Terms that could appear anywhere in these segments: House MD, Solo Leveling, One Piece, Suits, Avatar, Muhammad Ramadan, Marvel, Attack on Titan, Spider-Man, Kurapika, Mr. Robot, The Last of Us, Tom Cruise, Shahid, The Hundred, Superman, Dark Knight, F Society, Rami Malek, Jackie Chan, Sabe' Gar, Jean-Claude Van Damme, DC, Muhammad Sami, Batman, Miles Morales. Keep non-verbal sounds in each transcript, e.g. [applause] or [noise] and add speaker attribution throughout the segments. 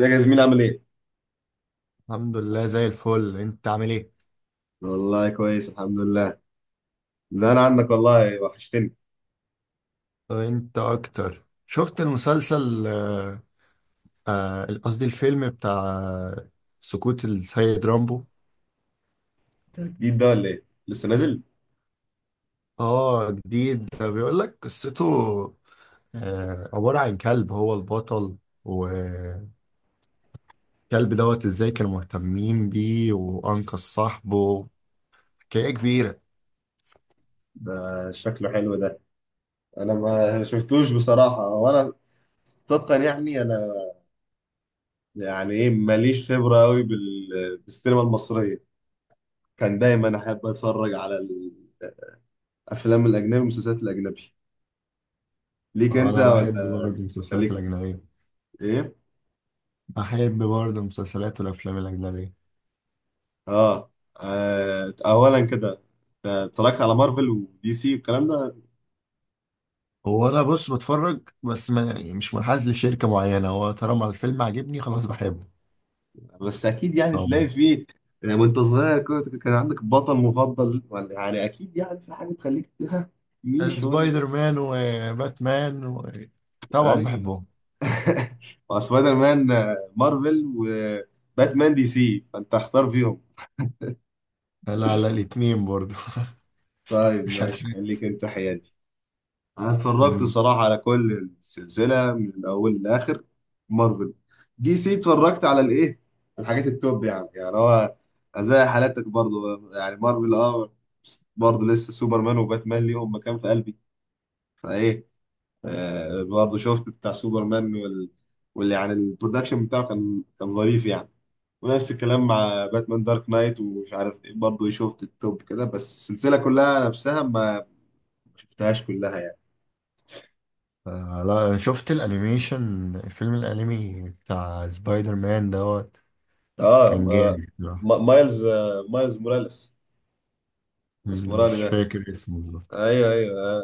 Speaker 1: ازيك يا زميلي؟ عامل ايه؟
Speaker 2: الحمد لله زي الفل، انت عامل ايه؟
Speaker 1: والله كويس الحمد لله. زهقان عنك والله، وحشتني.
Speaker 2: انت اكتر. شفت المسلسل قصدي الفيلم بتاع سقوط السيد رامبو.
Speaker 1: ده جديد ده ولا ايه؟ لسه نازل؟
Speaker 2: اه، جديد، ده بيقول لك قصته. عبارة عن كلب هو البطل. والكلب ازاي كانوا مهتمين بيه وانقذ صاحبه. حكاية كبيرة.
Speaker 1: ده شكله حلو ده. انا ما شفتوش بصراحة. وانا صدقا انا يعني ايه ماليش خبرة قوي بالسينما المصرية. كان دايما احب اتفرج على الافلام الاجنبي والمسلسلات الاجنبي. ليك انت
Speaker 2: انا بحب
Speaker 1: ولا
Speaker 2: برضه المسلسلات
Speaker 1: ليك
Speaker 2: الأجنبية.
Speaker 1: ايه؟
Speaker 2: بحب برضه المسلسلات والأفلام الأجنبية.
Speaker 1: اه, اولا كده، اتفرجت على مارفل ودي سي والكلام ده.
Speaker 2: هو انا بص بتفرج، بس ما يعني مش منحاز لشركه معينه. هو طالما الفيلم عاجبني خلاص بحبه.
Speaker 1: بس اكيد يعني تلاقي
Speaker 2: أم.
Speaker 1: فيه، يعني وانت صغير كنت، كان عندك بطل مفضل؟ ولا يعني اكيد يعني في حاجه تخليك، ها، مين شويه؟
Speaker 2: سبايدر مان وباتمان. طبعا
Speaker 1: ايوه.
Speaker 2: بحبهم.
Speaker 1: [laughs] مع سبايدر مان، مارفل، وباتمان دي سي، فانت اختار فيهم.
Speaker 2: لا لا، الاتنين برضو. [laughs]
Speaker 1: طيب
Speaker 2: مش
Speaker 1: ماشي، خليك
Speaker 2: هنحاز.
Speaker 1: انت حيادي. انا اتفرجت
Speaker 2: مم.
Speaker 1: الصراحه على كل السلسله من الاول للاخر. مارفل، دي سي، اتفرجت على الايه، الحاجات التوب يعني. يعني هو زي حالاتك برضو، يعني مارفل اه. بس برضو لسه سوبرمان وباتمان ليهم مكان في قلبي. فايه، آه برضو شفت بتاع سوبرمان وال، واللي يعني البرودكشن بتاعه كان كان ظريف يعني. ونفس الكلام مع باتمان دارك نايت ومش عارف ايه، برضه شفت التوب كده، بس السلسله كلها نفسها ما شفتهاش كلها يعني.
Speaker 2: لا، شفت الانيميشن فيلم الانمي بتاع سبايدر مان
Speaker 1: اه.
Speaker 2: كان جامد بصراحة.
Speaker 1: مايلز، مايلز موراليس، الاسمراني
Speaker 2: مش
Speaker 1: ده.
Speaker 2: فاكر اسمه بالظبط.
Speaker 1: ايوه ايوه آه.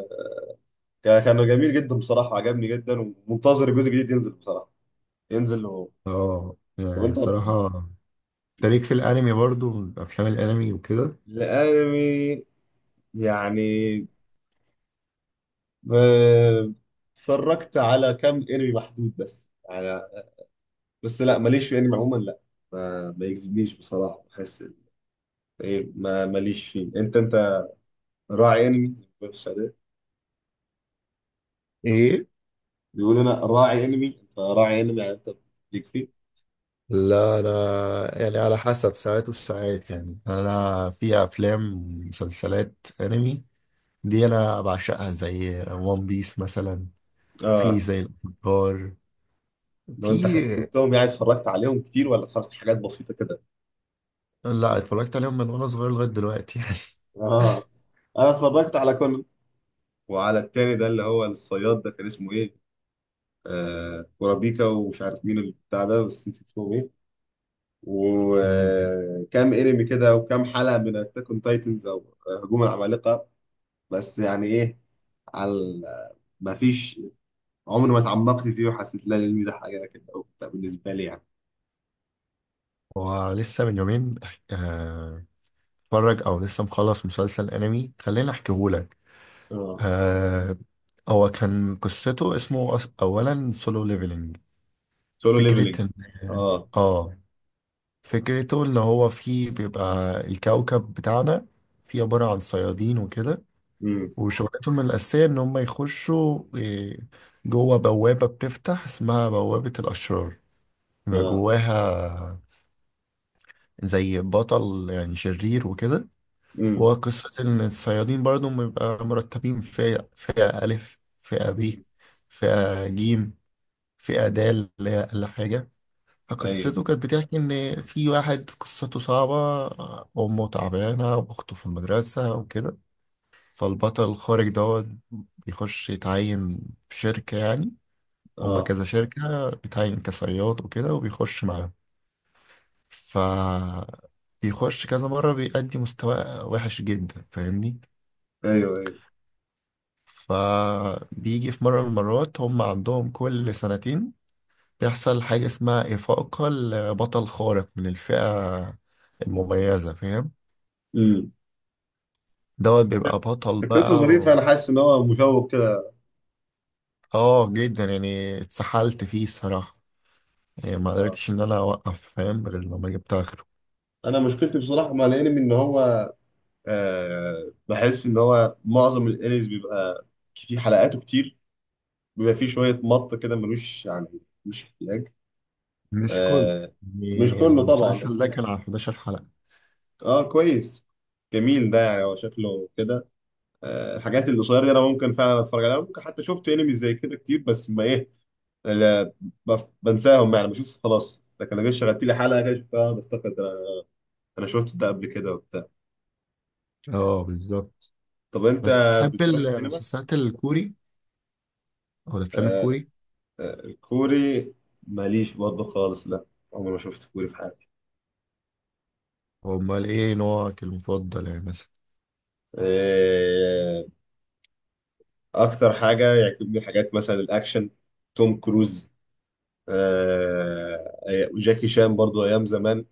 Speaker 1: كان كان جميل جدا بصراحه، عجبني جدا. ومنتظر الجزء الجديد ينزل بصراحه، ينزل هو.
Speaker 2: اه،
Speaker 1: طب
Speaker 2: يعني
Speaker 1: انت
Speaker 2: صراحة، تاريخ في الانمي برضو، افلام الانمي وكده.
Speaker 1: الانمي؟ يعني آه، اتفرجت على كام انمي محدود بس. على بس لا ماليش في انمي عموما لا. ما يجذبنيش بصراحه. بحس ايه، ما ماليش فيه. انت انت راعي انمي؟
Speaker 2: ايه.
Speaker 1: بيقول انا راعي انمي. انت راعي انمي يعني، انت ليك فيه؟
Speaker 2: لا، انا يعني على حسب ساعات وساعات، يعني انا في افلام، مسلسلات انمي دي انا بعشقها، زي وان بيس مثلا. في
Speaker 1: اه.
Speaker 2: زي الافاتار.
Speaker 1: لو انت
Speaker 2: في.
Speaker 1: خدتهم يعني اتفرجت عليهم كتير، ولا اتفرجت حاجات بسيطة كده؟
Speaker 2: لا، اتفرجت عليهم من وانا صغير لغايه دلوقتي يعني.
Speaker 1: اه. انا اتفرجت على كله. وعلى التاني ده اللي هو الصياد ده، كان اسمه ايه، آه كورابيكا، ومش عارف مين البتاع ده بس نسيت اسمه ايه.
Speaker 2: [laughs] مم.
Speaker 1: وكام انمي كده، وكام حلقة من اتاك اون تايتنز، او هجوم العمالقة. بس يعني ايه، على ما فيش، عمري ما اتعمقت فيه وحسيت لا الانمي ده حاجة كده او بتاع بالنسبة لي يعني.
Speaker 2: ولسه من يومين آه، اتفرج، او لسه مخلص مسلسل انمي، خليني احكيهولك.
Speaker 1: اه.
Speaker 2: آه، هو كان قصته اسمه اولا سولو ليفلنج.
Speaker 1: سولو ليفلينج.
Speaker 2: فكره ان،
Speaker 1: اه.
Speaker 2: اه، فكرته اللي هو فيه بيبقى الكوكب بتاعنا فيه عبارة عن صيادين وكده.
Speaker 1: امم.
Speaker 2: وشغلتهم الأساسية إن هم يخشوا إيه، جوه بوابة بتفتح اسمها بوابة الأشرار. بيبقى
Speaker 1: اه.
Speaker 2: جواها زي بطل يعني شرير وكده.
Speaker 1: امم.
Speaker 2: وقصة إن الصيادين برضو بيبقى مرتبين فئة، فئة ألف، فئة ب،
Speaker 1: امم.
Speaker 2: فئة جيم، فئة د اللي هي أقل حاجة.
Speaker 1: ايوه.
Speaker 2: فقصته كانت بتحكي إن في واحد قصته صعبة، أمه تعبانة وأخته في المدرسة وكده. فالبطل الخارج بيخش يتعين في شركة يعني. هما
Speaker 1: اه.
Speaker 2: كذا شركة، بيتعين كصياد وكده وبيخش معاهم. ف بيخش كذا مرة، بيأدي مستوى وحش جدا، فاهمني.
Speaker 1: ايوه ايوه.
Speaker 2: فبيجي في مرة من المرات، هم عندهم كل سنتين بيحصل حاجة اسمها إفاقة لبطل خارق من الفئة المميزة، فاهم.
Speaker 1: امم.
Speaker 2: بيبقى بطل
Speaker 1: فكرته
Speaker 2: بقى
Speaker 1: ظريفه،
Speaker 2: و...
Speaker 1: انا حاسس ان هو مشوق كده.
Speaker 2: اه، جدا يعني، اتسحلت فيه الصراحة، يعني ما
Speaker 1: اه.
Speaker 2: قدرتش ان انا اوقف فاهم غير لما جبت اخره.
Speaker 1: انا مشكلتي بصراحه مع الانمي ان هو، آه بحس ان هو معظم الانميز بيبقى كتير، حلقاته كتير. بيبقى فيه شويه مط كده، ملوش يعني مش احتياج.
Speaker 2: مش كله.
Speaker 1: آه. مش
Speaker 2: يعني
Speaker 1: كله طبعا
Speaker 2: المسلسل ده
Speaker 1: اكيد.
Speaker 2: كان على 11 حلقة.
Speaker 1: اه كويس. جميل ده، يعني هو شكله كده. آه الحاجات القصيره دي انا ممكن فعلا اتفرج عليها. ممكن حتى شفت انمي زي كده كتير، بس ما ايه، لا بنساهم يعني، بشوف خلاص. لكن لو جيت شغلت لي حلقه كده، بقعد افتكر ده انا شفت ده قبل كده وبتاع.
Speaker 2: اه بالظبط.
Speaker 1: طب انت
Speaker 2: بس تحب
Speaker 1: بتروح السينما؟
Speaker 2: المسلسلات الكوري او الافلام
Speaker 1: آه
Speaker 2: الكوري؟
Speaker 1: الكوري، ماليش برضه خالص لا، عمري ما شفت كوري في حياتي.
Speaker 2: امال ايه نوعك المفضل يعني مثلا؟
Speaker 1: آه، اكتر حاجه يعجبني حاجات مثلا الاكشن، توم كروز، آه، وجاكي شان برضه ايام زمان.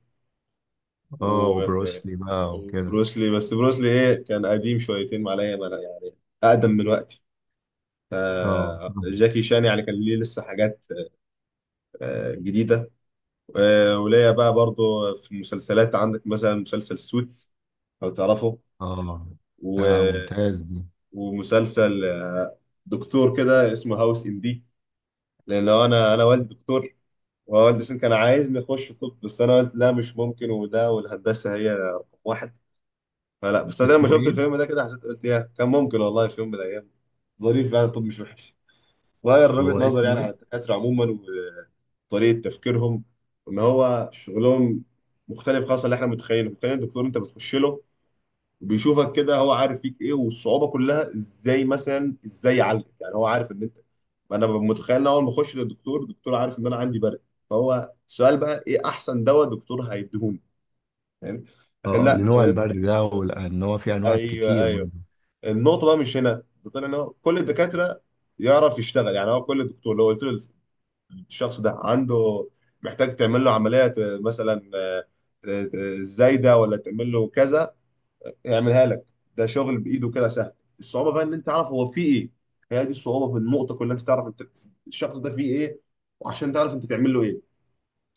Speaker 2: اه،
Speaker 1: و،
Speaker 2: وبروسلي بقى وكده.
Speaker 1: وبروسلي، بس بروسلي ايه، كان قديم شويتين معايا يعني، اقدم من وقتي.
Speaker 2: اه. مم.
Speaker 1: جاكي شان يعني كان ليه لسه حاجات جديدة. وليا بقى برضو في المسلسلات، عندك مثلا مسلسل سوتس، لو تعرفه.
Speaker 2: اه،
Speaker 1: و...
Speaker 2: ده ممتاز ده.
Speaker 1: ومسلسل دكتور كده اسمه هاوس ام دي. لأن لو أنا والدي دكتور، ووالدي سن كان عايزني أخش طب، بس أنا قلت لا مش ممكن، وده والهندسة هي رقم واحد. فلا، بس أنا لما
Speaker 2: اسمه
Speaker 1: شفت
Speaker 2: ايه؟
Speaker 1: الفيلم ده كده حسيت، قلت يا كان ممكن والله في يوم من الأيام. ظريف يعني، الطب مش وحش. غير وجهة
Speaker 2: هو
Speaker 1: نظري
Speaker 2: اسمه
Speaker 1: يعني على
Speaker 2: ايه؟
Speaker 1: الدكاترة عموما، طريقه تفكيرهم، ان هو شغلهم مختلف خالص عن اللي احنا متخيلينه. متخيل الدكتور انت بتخش له وبيشوفك كده، هو عارف فيك ايه، والصعوبه كلها ازاي مثلا ازاي يعالجك. يعني هو عارف ان انت، انا ببقى متخيل ان اول ما اخش للدكتور، الدكتور عارف ان انا عندي برد، فهو السؤال بقى ايه احسن دواء دكتور هيديهوني، فاهم؟ لكن
Speaker 2: اه اه،
Speaker 1: لا
Speaker 2: لنوع
Speaker 1: يعني.
Speaker 2: البرد ده وان هو في انواع
Speaker 1: ايوه
Speaker 2: كتير
Speaker 1: ايوه.
Speaker 2: منه.
Speaker 1: النقطه بقى مش هنا. ده طلع ان هو كل الدكاتره يعرف يشتغل. يعني هو كل دكتور لو قلت له الشخص ده عنده، محتاج تعمل له عملية مثلا زايدة، ولا تعمل له كذا، يعملها لك. ده شغل بإيده كده سهل. الصعوبة بقى إن أنت تعرف هو فيه إيه. هي دي الصعوبة في النقطة كلها، أنت تعرف أنت الشخص ده فيه إيه، وعشان تعرف أنت تعمل له إيه.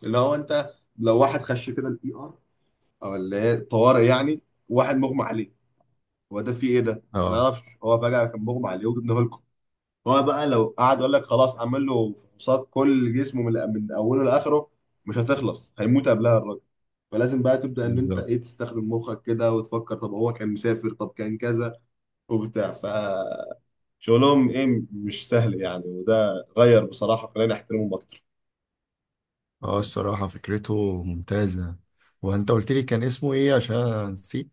Speaker 1: اللي هو أنت لو واحد خش كده الإي آر، أو اللي هي الطوارئ يعني، واحد مغمى عليه، هو ده فيه إيه ده؟ ما نعرفش، هو فجأة كان مغمى عليه وجبناه. هو بقى لو قعد يقول لك خلاص اعمل له فحوصات كل جسمه من اوله لاخره، مش هتخلص، هيموت قبلها الراجل. فلازم بقى تبدا ان انت
Speaker 2: بالظبط.
Speaker 1: ايه، تستخدم مخك كده وتفكر طب هو كان مسافر، طب كان كذا وبتاع. فشغلهم ايه مش سهل يعني، وده غير بصراحه خلاني احترمهم اكتر.
Speaker 2: اه، الصراحة فكرته ممتازة. وانت قلت لي كان اسمه ايه؟ عشان أنا نسيت.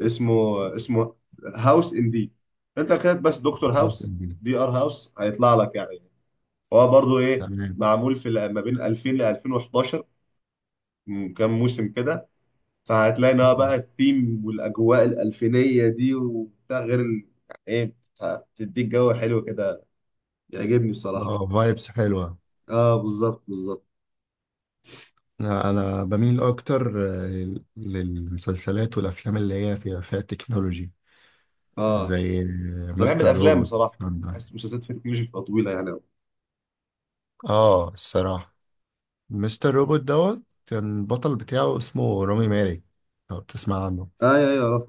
Speaker 1: اسمه، اسمه هاوس ان دي. انت كاتب بس دكتور
Speaker 2: هاوس اوف
Speaker 1: هاوس،
Speaker 2: بيس.
Speaker 1: دي ار هاوس هيطلع لك يعني. هو برضو ايه،
Speaker 2: تمام.
Speaker 1: معمول في ما بين 2000 ل 2011، كام موسم كده. فهتلاقي إنها
Speaker 2: اه.
Speaker 1: بقى الثيم والاجواء الالفينيه دي وبتاع، غير يعني ايه، بتديك جو حلو كده، بيعجبني بصراحه.
Speaker 2: اه، فايبس حلوة.
Speaker 1: اه بالظبط بالظبط.
Speaker 2: انا أنا بميل اكتر للمسلسلات والافلام اللي هي فيها تكنولوجي
Speaker 1: اه
Speaker 2: زي
Speaker 1: انا بحب
Speaker 2: مستر
Speaker 1: الافلام
Speaker 2: روبوت.
Speaker 1: بصراحه، بحس المسلسلات في مش بتبقى طويله يعني أوي.
Speaker 2: اه الصراحة، مستر روبوت كان البطل بتاعه اسمه رامي مالك، لو بتسمع عنه.
Speaker 1: اه ايوه ايوه عرفت.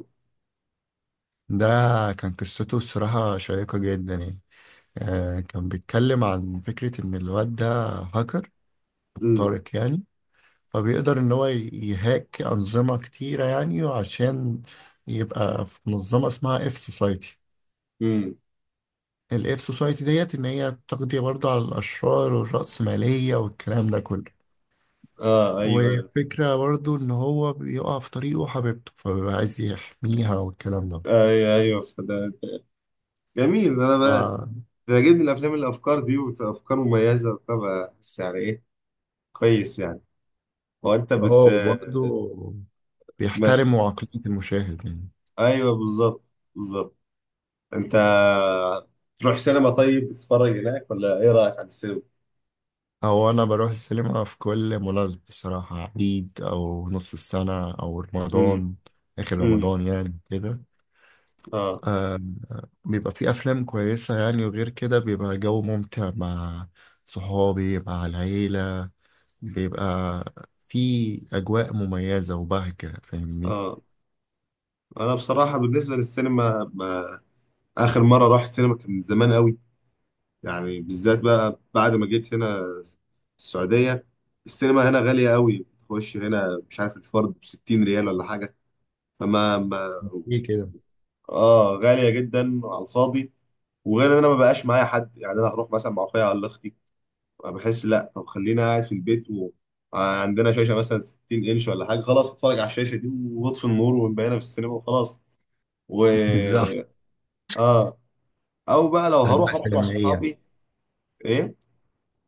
Speaker 2: ده كان قصته الصراحة شيقة جدا يعني. كان بيتكلم عن فكرة إن الواد ده هاكر
Speaker 1: امم.
Speaker 2: خارق يعني. فبيقدر إن هو يهاك أنظمة كتيرة يعني، عشان يبقى في منظمة اسمها اف سوسايتي.
Speaker 1: امم.
Speaker 2: الاف سوسايتي ديت إن هي تقضي برضه على الأشرار والرأسمالية والكلام ده كله.
Speaker 1: اه ايوه ايوه.
Speaker 2: وفكرة برضه إن هو بيقع في طريقه حبيبته فبيبقى عايز يحميها والكلام ده.
Speaker 1: ايوه ايوه فده جميل. انا بقى
Speaker 2: ف
Speaker 1: بيعجبني الافلام اللي الافكار دي، وافكار مميزه وبتاع، بحس يعني ايه كويس يعني. هو انت
Speaker 2: اه،
Speaker 1: بت،
Speaker 2: وبرضه
Speaker 1: ماشي.
Speaker 2: بيحترموا عقلية المشاهد يعني.
Speaker 1: ايوه بالظبط بالظبط. انت تروح سينما؟ طيب تتفرج هناك؟ ولا ايه رايك عن السينما؟
Speaker 2: هو أنا بروح السينما في كل مناسبة بصراحة، عيد أو نص السنة أو
Speaker 1: امم.
Speaker 2: رمضان. آخر
Speaker 1: امم.
Speaker 2: رمضان يعني كده.
Speaker 1: اه.
Speaker 2: آه بيبقى في أفلام كويسة يعني، وغير كده بيبقى جو ممتع مع صحابي مع العيلة. بيبقى في أجواء مميزة وبهجة، فاهمني.
Speaker 1: اه. انا بصراحه بالنسبه للسينما ما، اخر مره رحت سينما كان من زمان قوي. يعني بالذات بقى بعد ما جيت هنا السعوديه، السينما هنا غاليه قوي، تخش هنا مش عارف الفرد ب 60 ريال ولا حاجه، فما ما،
Speaker 2: ايه كده.
Speaker 1: اه غاليه جدا على الفاضي. وغير ان انا ما بقاش معايا حد، يعني انا هروح مثلا مع اخويا ولا اختي، بحس لا طب خلينا قاعد في البيت. وعندنا شاشه مثلا 60 انش ولا حاجه، خلاص اتفرج على الشاشه دي، واطفي النور ونبقينا في السينما وخلاص. و،
Speaker 2: بالظبط.
Speaker 1: اه، او بقى لو
Speaker 2: أجواء
Speaker 1: هروح اروح مع
Speaker 2: سينمائية.
Speaker 1: صحابي. ايه.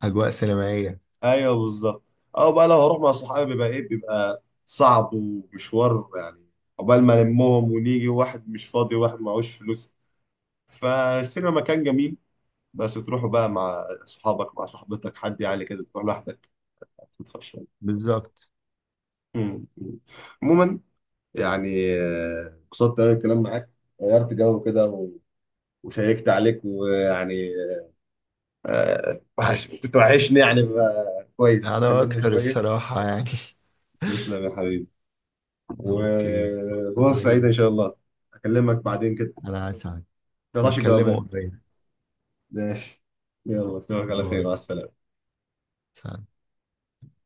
Speaker 2: أجواء سينمائية.
Speaker 1: ايوه بالظبط. او بقى لو هروح مع صحابي بيبقى ايه، بيبقى صعب ومشوار يعني، عقبال ما نلمهم ونيجي، واحد مش فاضي وواحد معهوش فلوس. فالسينما مكان جميل، بس تروحوا بقى مع صحابك مع صاحبتك، حد يعني كده، تروح لوحدك هتدفع شوية.
Speaker 2: بالظبط.
Speaker 1: مم. مم. عموما يعني انبسطت قوي الكلام معاك، غيرت جو كده و، وشيكت عليك ويعني كنت وحشني يعني، كويس
Speaker 2: أنا
Speaker 1: اتكلمنا
Speaker 2: أكتر
Speaker 1: شوية.
Speaker 2: الصراحة يعني.
Speaker 1: تسلم يا حبيبي.
Speaker 2: [laughs] أوكي، فرصة
Speaker 1: وفرصة سعيدة إن
Speaker 2: سعيدة.
Speaker 1: شاء الله، أكلمك بعدين كده.
Speaker 2: أنا أسعد.
Speaker 1: ما تقطعش
Speaker 2: نتكلموا
Speaker 1: الجوابات.
Speaker 2: قريب.
Speaker 1: ماشي، يلا أشوفك على خير،
Speaker 2: باي.
Speaker 1: مع السلامة.
Speaker 2: سلام.